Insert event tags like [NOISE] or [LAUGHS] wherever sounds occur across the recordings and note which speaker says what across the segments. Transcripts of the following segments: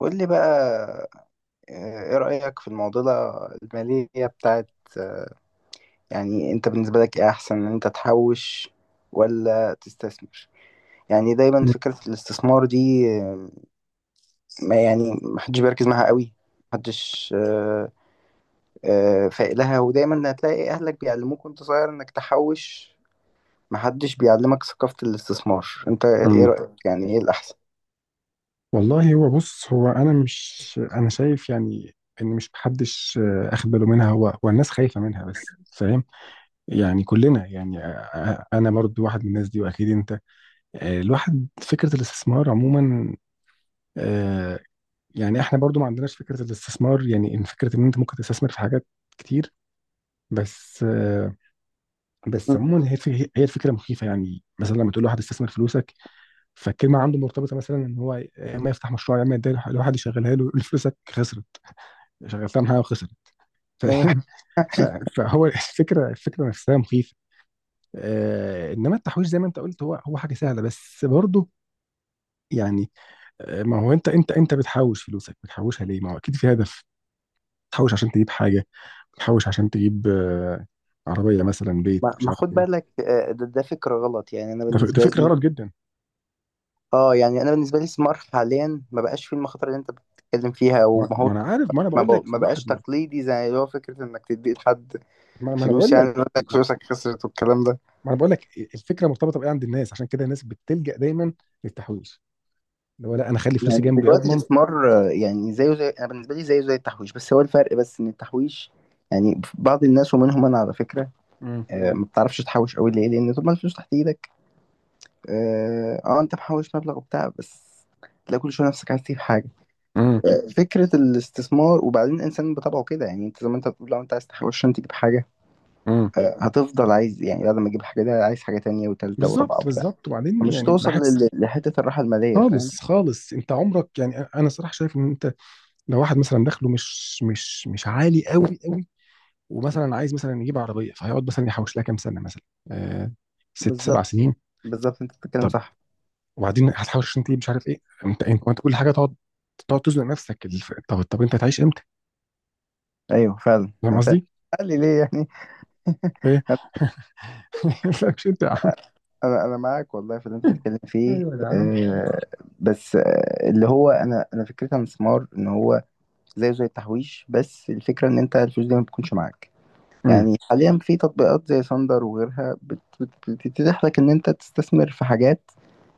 Speaker 1: قول لي بقى. ايه رأيك في المعضلة المالية بتاعت آه، يعني انت بالنسبة لك ايه احسن ان انت تحوش ولا تستثمر؟ يعني دايما فكرة الاستثمار دي ما يعني محدش بيركز معاها قوي، محدش فايق لها. ودايما هتلاقي اهلك بيعلموك وانت صغير انك تحوش، محدش بيعلمك ثقافة الاستثمار. انت ايه
Speaker 2: أمم.
Speaker 1: رأيك يعني ايه الاحسن؟ [LAUGHS]
Speaker 2: والله، هو بص، هو انا مش انا شايف يعني ان مش محدش اخد باله منها. هو الناس خايفه منها، بس فاهم يعني كلنا يعني. انا برضو واحد من الناس دي، واكيد انت الواحد فكره الاستثمار عموما. آه، يعني احنا برضو ما عندناش فكره الاستثمار، يعني ان فكره ان انت ممكن تستثمر في حاجات كتير. بس بس عموما، هي الفكره مخيفه. يعني مثلا لما تقول لواحد استثمر فلوسك، فالكلمه عنده مرتبطه مثلا ان هو يا اما يفتح مشروع يا اما يدير لواحد يشغلها له، يقول فلوسك خسرت، شغلتها معايا وخسرت، فاهم؟ ف- فهو الفكره نفسها مخيفه. انما التحويش، زي ما انت قلت، هو حاجه سهله، بس برضه يعني. ما هو انت بتحوش فلوسك، بتحوشها ليه؟ ما هو اكيد في هدف. بتحوش عشان تجيب حاجه، بتحوش عشان تجيب عربيه مثلا، بيت،
Speaker 1: ما
Speaker 2: مش
Speaker 1: ما
Speaker 2: عارف
Speaker 1: خد
Speaker 2: ايه.
Speaker 1: بالك ده فكرة غلط. يعني أنا
Speaker 2: ده
Speaker 1: بالنسبة
Speaker 2: فكره
Speaker 1: لي
Speaker 2: غلط جدا.
Speaker 1: اه يعني انا بالنسبه لي سمار حاليا ما بقاش فيه المخاطر اللي انت بتتكلم فيها.
Speaker 2: ما
Speaker 1: وما هو
Speaker 2: ما انا عارف، ما انا
Speaker 1: ما,
Speaker 2: بقول
Speaker 1: بق-
Speaker 2: لك
Speaker 1: ما
Speaker 2: الواحد.
Speaker 1: بقاش تقليدي زي اللي هو فكره انك تدي لحد
Speaker 2: ما انا
Speaker 1: فلوس
Speaker 2: بقول
Speaker 1: يعني
Speaker 2: لك.
Speaker 1: يقول لك فلوسك خسرت والكلام ده.
Speaker 2: ما انا بقول لك، الفكره مرتبطه بايه عند الناس؟ عشان كده الناس بتلجأ دايما للتحويش، اللي هو لا، انا اخلي فلوسي
Speaker 1: يعني
Speaker 2: جنبي
Speaker 1: دلوقتي
Speaker 2: اضمن.
Speaker 1: الستثمار يعني زيه زي، انا بالنسبه لي زيه زي التحويش، بس هو الفرق بس ان التحويش يعني بعض الناس ومنهم انا على فكره
Speaker 2: امم.
Speaker 1: ما بتعرفش تحوش قوي. ليه؟ لان طول ما الفلوس تحت ايدك اه انت محوش مبلغ وبتاع بس تلاقي كل شويه نفسك عايز تجيب حاجه.
Speaker 2: امم.
Speaker 1: فكرة الاستثمار، وبعدين الإنسان بطبعه كده، يعني أنت زي ما أنت بتقول لو أنت عايز تحوش عشان تجيب حاجة
Speaker 2: امم.
Speaker 1: هتفضل عايز، يعني بعد ما تجيب حاجة ده عايز حاجة تانية وتالتة ورابعة
Speaker 2: بالظبط،
Speaker 1: وبتاع،
Speaker 2: بالظبط، وبعدين
Speaker 1: مش
Speaker 2: يعني
Speaker 1: توصل
Speaker 2: بحس.
Speaker 1: لحتة الراحة المالية، فاهم؟
Speaker 2: خالص، خالص. انت عمرك يعني انا صراحه شايف ان انت لو واحد مثلا دخله مش عالي قوي قوي، ومثلا عايز مثلا يجيب عربيه، فهيقعد مثلا يحوش لها كام سنه مثلا. آه ست سبع
Speaker 1: بالظبط،
Speaker 2: سنين.
Speaker 1: بالظبط، أنت بتتكلم
Speaker 2: طب،
Speaker 1: صح.
Speaker 2: وبعدين هتحوش عشان تجيب مش عارف ايه؟ انت كل حاجه تقعد تزنق نفسك. طب انت هتعيش امتى؟
Speaker 1: أيوه فعلا
Speaker 2: فاهم
Speaker 1: أنت-
Speaker 2: قصدي؟
Speaker 1: قال لي ليه يعني.
Speaker 2: إيه؟
Speaker 1: [LAUGHS] أنا
Speaker 2: مالكش انت يا عم.
Speaker 1: أنا معاك والله في اللي أنت بتتكلم فيه.
Speaker 2: ايوه يا عم.
Speaker 1: آه، بس آه اللي هو أنا فكرتي عن الاستثمار إن هو زيه زي التحويش، بس الفكرة إن أنت الفلوس دي ما بتكونش معاك.
Speaker 2: مم.
Speaker 1: يعني حاليا في تطبيقات زي ساندر وغيرها بتتيح لك ان انت تستثمر في حاجات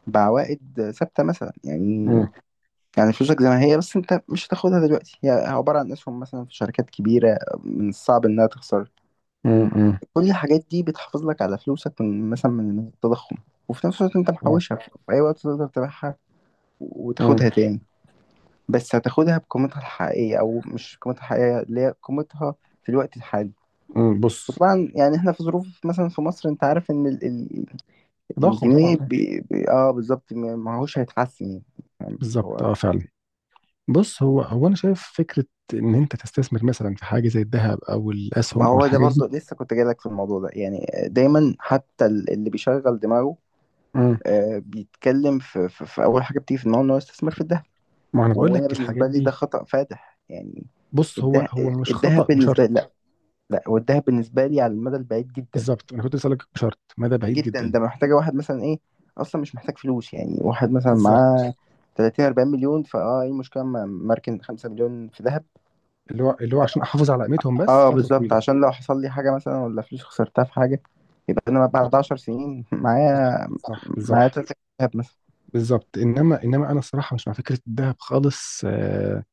Speaker 1: بعوائد ثابته مثلا. يعني
Speaker 2: مم.
Speaker 1: يعني فلوسك زي ما هي، بس انت مش هتاخدها دلوقتي، هي عباره عن اسهم مثلا في شركات كبيره من الصعب انها تخسر.
Speaker 2: مم. مم.
Speaker 1: كل الحاجات دي بتحافظ لك على فلوسك من مثلا من التضخم، وفي نفس الوقت انت محوشها، في اي وقت تقدر تبيعها
Speaker 2: مم.
Speaker 1: وتاخدها تاني. بس هتاخدها بقيمتها الحقيقيه، او مش قيمتها الحقيقيه، اللي هي قيمتها في الوقت الحالي.
Speaker 2: مم. بص،
Speaker 1: وطبعا يعني احنا في ظروف مثلا في مصر، انت عارف ان
Speaker 2: تضخم طبعا
Speaker 1: الجنيه
Speaker 2: اه.
Speaker 1: بي بي اه بالظبط ما هوش هيتحسن يعني، فاهم؟ اللي
Speaker 2: بالظبط
Speaker 1: هو
Speaker 2: اه فعلا. بص، هو انا شايف فكره ان انت تستثمر مثلا في حاجه زي الذهب او الاسهم
Speaker 1: ما
Speaker 2: او
Speaker 1: هو ده
Speaker 2: الحاجات
Speaker 1: برضو
Speaker 2: دي.
Speaker 1: لسه كنت جايلك في الموضوع ده. يعني دايما حتى اللي بيشغل دماغه
Speaker 2: مم.
Speaker 1: آه بيتكلم في اول حاجه بتيجي في دماغه ان هو يستثمر في الذهب.
Speaker 2: ما انا بقول
Speaker 1: وانا
Speaker 2: لك الحاجات
Speaker 1: بالنسبه لي ده
Speaker 2: دي.
Speaker 1: خطأ فادح يعني.
Speaker 2: بص، هو
Speaker 1: الذهب،
Speaker 2: هو مش
Speaker 1: الذهب
Speaker 2: خطا
Speaker 1: بالنسبه
Speaker 2: بشرط.
Speaker 1: لي لا. لا، والذهب بالنسبه لي على المدى البعيد جدا
Speaker 2: بالظبط، انا كنت اسالك بشرط مدى بعيد
Speaker 1: جدا،
Speaker 2: جدا.
Speaker 1: ده محتاجة واحد مثلا ايه، اصلا مش محتاج فلوس، يعني واحد مثلا معاه
Speaker 2: بالظبط.
Speaker 1: 30 40 مليون، فاه ايه المشكلة اما مركن 5 مليون في ذهب.
Speaker 2: اللي هو عشان احافظ على قيمتهم بس
Speaker 1: اه
Speaker 2: فتره
Speaker 1: بالظبط،
Speaker 2: طويله.
Speaker 1: عشان لو حصل لي حاجة مثلا، ولا فلوس خسرتها في حاجة، يبقى انا
Speaker 2: صح،
Speaker 1: بعد 10 سنين
Speaker 2: صح،
Speaker 1: معايا،
Speaker 2: صح،
Speaker 1: معايا صح
Speaker 2: بالظبط.
Speaker 1: 30 ذهب مثلا.
Speaker 2: بالظبط. انما انا الصراحه مش مع فكره الذهب خالص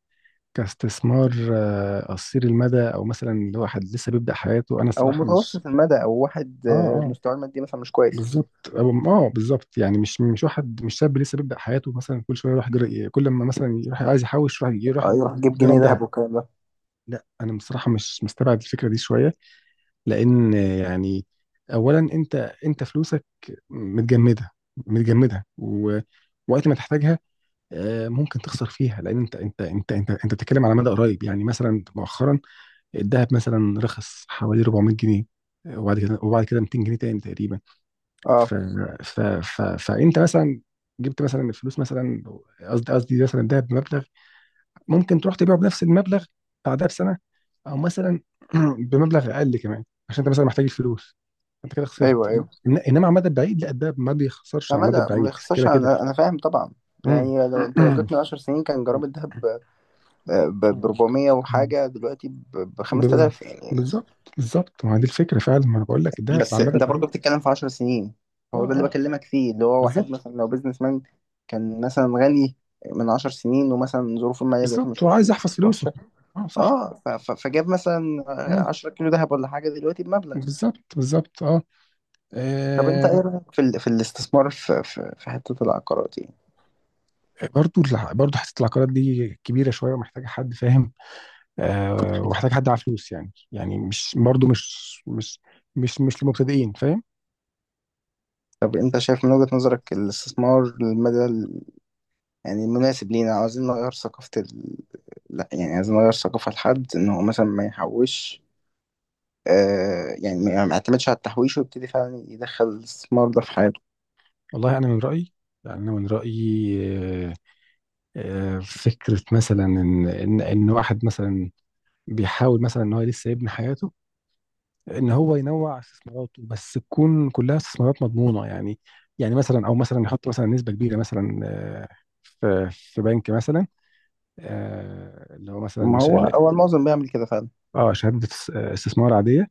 Speaker 2: كاستثمار قصير المدى، او مثلا اللي هو حد لسه بيبدأ حياته، انا
Speaker 1: او
Speaker 2: الصراحة مش
Speaker 1: متوسط المدى، او واحد
Speaker 2: اه اه
Speaker 1: مستواه المادي مثلا مش كويس
Speaker 2: بالظبط. اه بالظبط، يعني مش واحد، مش شاب لسه بيبدأ حياته مثلا كل شوية يروح جر... كل ما مثلا يروح عايز يحوش يروح
Speaker 1: اه
Speaker 2: يجيب
Speaker 1: يروح يجيب جنيه
Speaker 2: جرام
Speaker 1: ذهب
Speaker 2: ذهب.
Speaker 1: والكلام ده.
Speaker 2: لا، انا بصراحة مش مستبعد الفكرة دي شوية، لان يعني اولا انت، فلوسك متجمدة، ووقت ما تحتاجها ممكن تخسر فيها، لان انت بتتكلم على مدى قريب يعني مثلا. مؤخرا الذهب مثلا رخص حوالي 400 جنيه، وبعد كده 200 جنيه تاني تقريبا. ف...
Speaker 1: اه،
Speaker 2: فانت مثلا جبت مثلا الفلوس، مثلا قصدي مثلا الذهب بمبلغ، ممكن تروح تبيعه بنفس المبلغ بعدها بسنه، او مثلا [CLEARS THROAT] بمبلغ اقل كمان عشان انت مثلا محتاج الفلوس. انت كده خسرت
Speaker 1: ايوه ايوه.
Speaker 2: انما على المدى البعيد لا، الذهب ما بيخسرش على
Speaker 1: فمدى
Speaker 2: المدى
Speaker 1: ما
Speaker 2: البعيد كده
Speaker 1: بيخسرش،
Speaker 2: كده.
Speaker 1: انا فاهم طبعا.
Speaker 2: مم.
Speaker 1: يعني لو- انت لو
Speaker 2: [CLEARS THROAT]
Speaker 1: جبتني 10 سنين كان جرام الذهب ب 400 وحاجة، دلوقتي ب
Speaker 2: بال-
Speaker 1: 5000 يعني.
Speaker 2: بالظبط، بالظبط، ما هي دي الفكره فعلا. ما انا بقول لك الذهب على
Speaker 1: بس
Speaker 2: المدى
Speaker 1: انت برضه
Speaker 2: البعيد.
Speaker 1: بتتكلم في 10 سنين.
Speaker 2: اه
Speaker 1: هو ده اللي
Speaker 2: اه
Speaker 1: بكلمك فيه، اللي هو واحد
Speaker 2: بالظبط
Speaker 1: مثلا لو بيزنس مان كان مثلا غني من 10 سنين، ومثلا ظروفه المالية دلوقتي
Speaker 2: بالظبط،
Speaker 1: مش
Speaker 2: وعايز
Speaker 1: مش
Speaker 2: يحفظ فلوسه.
Speaker 1: وحشة
Speaker 2: اه صح.
Speaker 1: اه فجاب مثلا
Speaker 2: مم.
Speaker 1: 10 كيلو ذهب ولا حاجة دلوقتي بمبلغ.
Speaker 2: بالظبط بالظبط اه.
Speaker 1: طب انت ايه
Speaker 2: آه،
Speaker 1: رأيك في في الاستثمار في حتة العقارات يعني؟
Speaker 2: برضو حته العقارات دي كبيره شويه ومحتاجه حد فاهم. ومحتاجه حد على فلوس. يعني مش برضو مش للمبتدئين، فاهم؟
Speaker 1: طب انت شايف من وجهة نظرك الاستثمار المدى يعني مناسب لينا؟ عاوزين نغير ثقافة لا يعني عايزين نغير ثقافة لحد إن هو مثلا ما يحوش، آه يعني ما يعتمدش على التحويش ويبتدي فعلا يدخل الاستثمار ده في حياته.
Speaker 2: والله انا من رايي، يعني انا من رايي. آه فكره مثلا ان ان واحد مثلا بيحاول مثلا ان هو لسه يبني حياته، ان هو ينوع استثماراته، بس تكون كلها استثمارات مضمونه يعني. مثلا، او مثلا يحط مثلا نسبه كبيره مثلا في بنك مثلا، اللي هو مثلا
Speaker 1: ما هو هو المعظم بيعمل كده فعلا.
Speaker 2: اه، شهاده استثمار عاديه.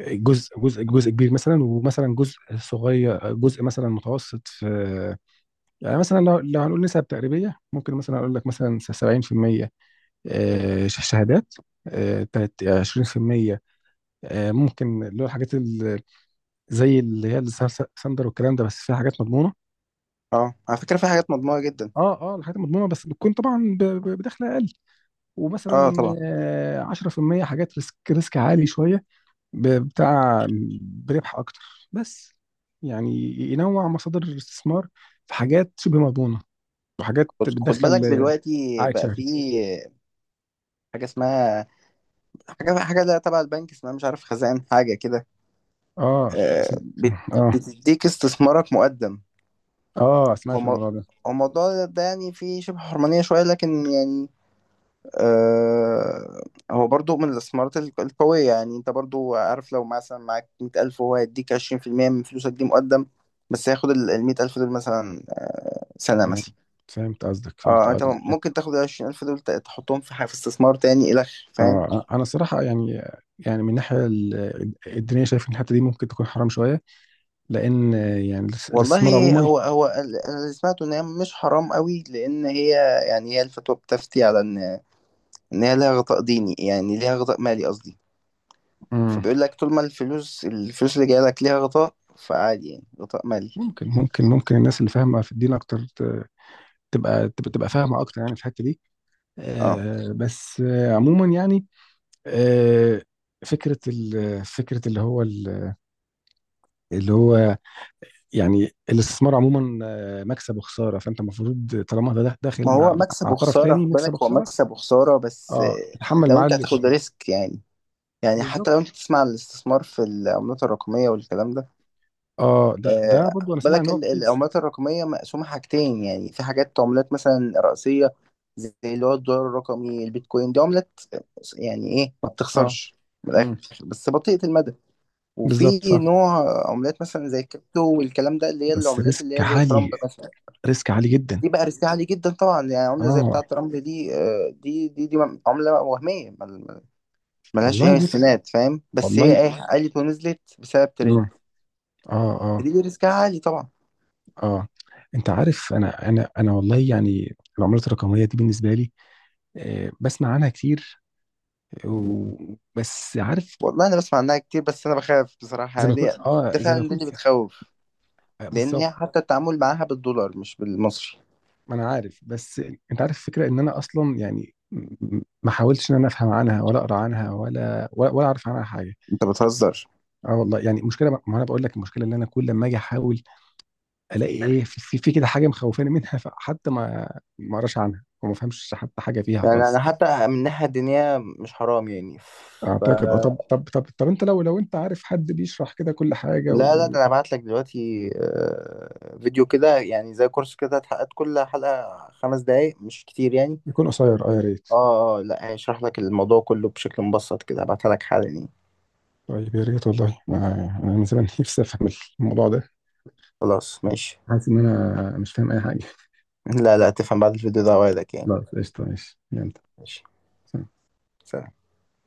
Speaker 2: جزء كبير مثلا، ومثلا جزء صغير، جزء مثلا متوسط في. يعني مثلا، لو هنقول نسب تقريبيه، ممكن مثلا اقول لك مثلا 70% شهادات، 20% ممكن اللي هو الحاجات زي اللي هي الساندر والكلام ده، بس فيها حاجات مضمونه.
Speaker 1: اه على فكرة في حاجات مضمونة جدا.
Speaker 2: اه اه الحاجات المضمونه بس بتكون طبعا بدخل اقل.
Speaker 1: اه
Speaker 2: ومثلا
Speaker 1: طبعا.
Speaker 2: 10% حاجات ريسك عالي شويه، بتاع بربح اكتر. بس يعني ينوع مصادر الاستثمار، في حاجات شبه مضمونه، وحاجات
Speaker 1: خد بالك
Speaker 2: بتدخل
Speaker 1: دلوقتي
Speaker 2: عائد
Speaker 1: بقى، في
Speaker 2: شهري.
Speaker 1: حاجة اسمها، حاجة ده تبع البنك، اسمها مش عارف خزائن حاجة كده،
Speaker 2: اه
Speaker 1: آه
Speaker 2: س-
Speaker 1: بت...
Speaker 2: اه
Speaker 1: بتديك استثمارك مقدم.
Speaker 2: اه،
Speaker 1: هو
Speaker 2: سمعت
Speaker 1: مو-
Speaker 2: الموضوع ده.
Speaker 1: هو الموضوع ده يعني فيه شبه حرمانية شوية، لكن يعني آه، هو برضو من الاستثمارات القوية يعني. انت برضو عارف لو مثلا معاك 100 ألف، وهو هيديك 20% من فلوسك دي مقدم، بس هياخد 100 ألف دول مثلا سنة
Speaker 2: فهمت،
Speaker 1: مثلا.
Speaker 2: فهمت قصدك، فهمت
Speaker 1: اه انت
Speaker 2: قصدك.
Speaker 1: ممكن تاخد 20 ألف دول تحطهم في في استثمار تاني إلخ، فاهم؟
Speaker 2: اه انا الصراحه يعني، من الناحيه الدينيه شايف ان الحته دي ممكن تكون حرام شويه، لان يعني الاستثمار
Speaker 1: والله
Speaker 2: عموما.
Speaker 1: هو هو أنا اللي سمعته إن هي مش حرام قوي، لأن هي يعني هي الفتوى بتفتي على إن هي ليها غطاء ديني، يعني ليها غطاء مالي قصدي.
Speaker 2: مم،
Speaker 1: فبيقول لك طول ما الفلوس اللي جاية لك ليها غطاء فعادي، يعني غطاء مالي.
Speaker 2: ممكن الناس اللي فاهمه في الدين اكتر تبقى فاهمه اكتر يعني في الحته دي.
Speaker 1: اه
Speaker 2: بس، عموما يعني، آه فكره فكره اللي هو اللي هو يعني الاستثمار عموما مكسب وخساره، فانت المفروض طالما ده
Speaker 1: ما
Speaker 2: داخل
Speaker 1: هو
Speaker 2: مع
Speaker 1: مكسب
Speaker 2: مع طرف
Speaker 1: وخسارة،
Speaker 2: تاني،
Speaker 1: خد
Speaker 2: مكسب
Speaker 1: بالك هو
Speaker 2: وخساره
Speaker 1: مكسب وخسارة، بس
Speaker 2: اه تتحمل
Speaker 1: لو
Speaker 2: معاه
Speaker 1: انت هتاخد
Speaker 2: الاثنين.
Speaker 1: ريسك يعني. يعني حتى لو انت تسمع عن الاستثمار في العملات الرقمية والكلام ده،
Speaker 2: اه ده برضو انا
Speaker 1: خد
Speaker 2: سامع ان
Speaker 1: بالك
Speaker 2: هو كويس.
Speaker 1: العملات الرقمية مقسومة حاجتين، يعني في حاجات عملات مثلا رئيسية زي اللي هو الدولار الرقمي، البيتكوين، دي عملات يعني ايه ما
Speaker 2: اه.
Speaker 1: بتخسرش من الآخر،
Speaker 2: امم.
Speaker 1: بس بطيئة المدى. وفي
Speaker 2: بالظبط صح.
Speaker 1: نوع عملات مثلا زي الكريبتو والكلام ده، اللي هي
Speaker 2: بس
Speaker 1: العملات
Speaker 2: ريسك
Speaker 1: اللي هي زي ترامب
Speaker 2: عالي،
Speaker 1: مثلا،
Speaker 2: ريسك عالي جدا.
Speaker 1: دي بقى ريسك عالي جدا طبعا. يعني عملة زي
Speaker 2: اه
Speaker 1: بتاعة رمل دي دي عملة وهمية ملهاش
Speaker 2: والله
Speaker 1: أي استناد، فاهم؟ بس
Speaker 2: والله.
Speaker 1: هي إيه، علت ونزلت بسبب
Speaker 2: امم.
Speaker 1: ترند.
Speaker 2: اه اه
Speaker 1: دي ريسكها عالي طبعا.
Speaker 2: اه. انت عارف، انا والله يعني العملات الرقميه دي بالنسبه لي بسمع عنها كتير، بس عارف
Speaker 1: والله أنا بسمع عنها كتير، بس أنا بخاف بصراحة يعني دي، ده
Speaker 2: زي ما
Speaker 1: فعلا ده
Speaker 2: اكون
Speaker 1: اللي بتخوف، لأن
Speaker 2: بالظبط.
Speaker 1: هي حتى التعامل معاها بالدولار مش بالمصري.
Speaker 2: ما انا عارف، بس انت عارف الفكره، ان انا اصلا يعني ما حاولتش ان انا افهم عنها، ولا اقرا عنها، ولا اعرف عنها حاجه.
Speaker 1: أنت بتهزر.
Speaker 2: اه والله يعني المشكله ما انا بقول لك، المشكله اللي انا كل ما اجي احاول الاقي ايه في كده حاجه مخوفاني منها، فحتى ما اقراش عنها وما افهمش حتى حاجه فيها
Speaker 1: يعني أنا
Speaker 2: خالص.
Speaker 1: حتى من الناحية الدينية مش حرام يعني.
Speaker 2: اعتقد اه. طب انت، لو انت عارف حد بيشرح كده كل حاجه
Speaker 1: لا لا،
Speaker 2: ويكون
Speaker 1: ده انا هبعت لك دلوقتي فيديو كده يعني زي كورس كده اتحققت، كل حلقة 5 دقايق مش كتير يعني.
Speaker 2: قصير، اه يا ريت.
Speaker 1: اه اه، لا هشرح لك الموضوع كله بشكل مبسط كده، هبعتها لك حالا يعني.
Speaker 2: طيب يا ريت، والله انا أنا من زمان [LAUGHS] نفسي افهم الموضوع ده.
Speaker 1: خلاص ماشي.
Speaker 2: حاسس ان انا مش فاهم اي حاجه.
Speaker 1: لا لا، تفهم بعد الفيديو ده، وعدك يعني.
Speaker 2: خلاص، قشطه، ماشي، يلا.
Speaker 1: ماشي،
Speaker 2: سلام.
Speaker 1: سلام.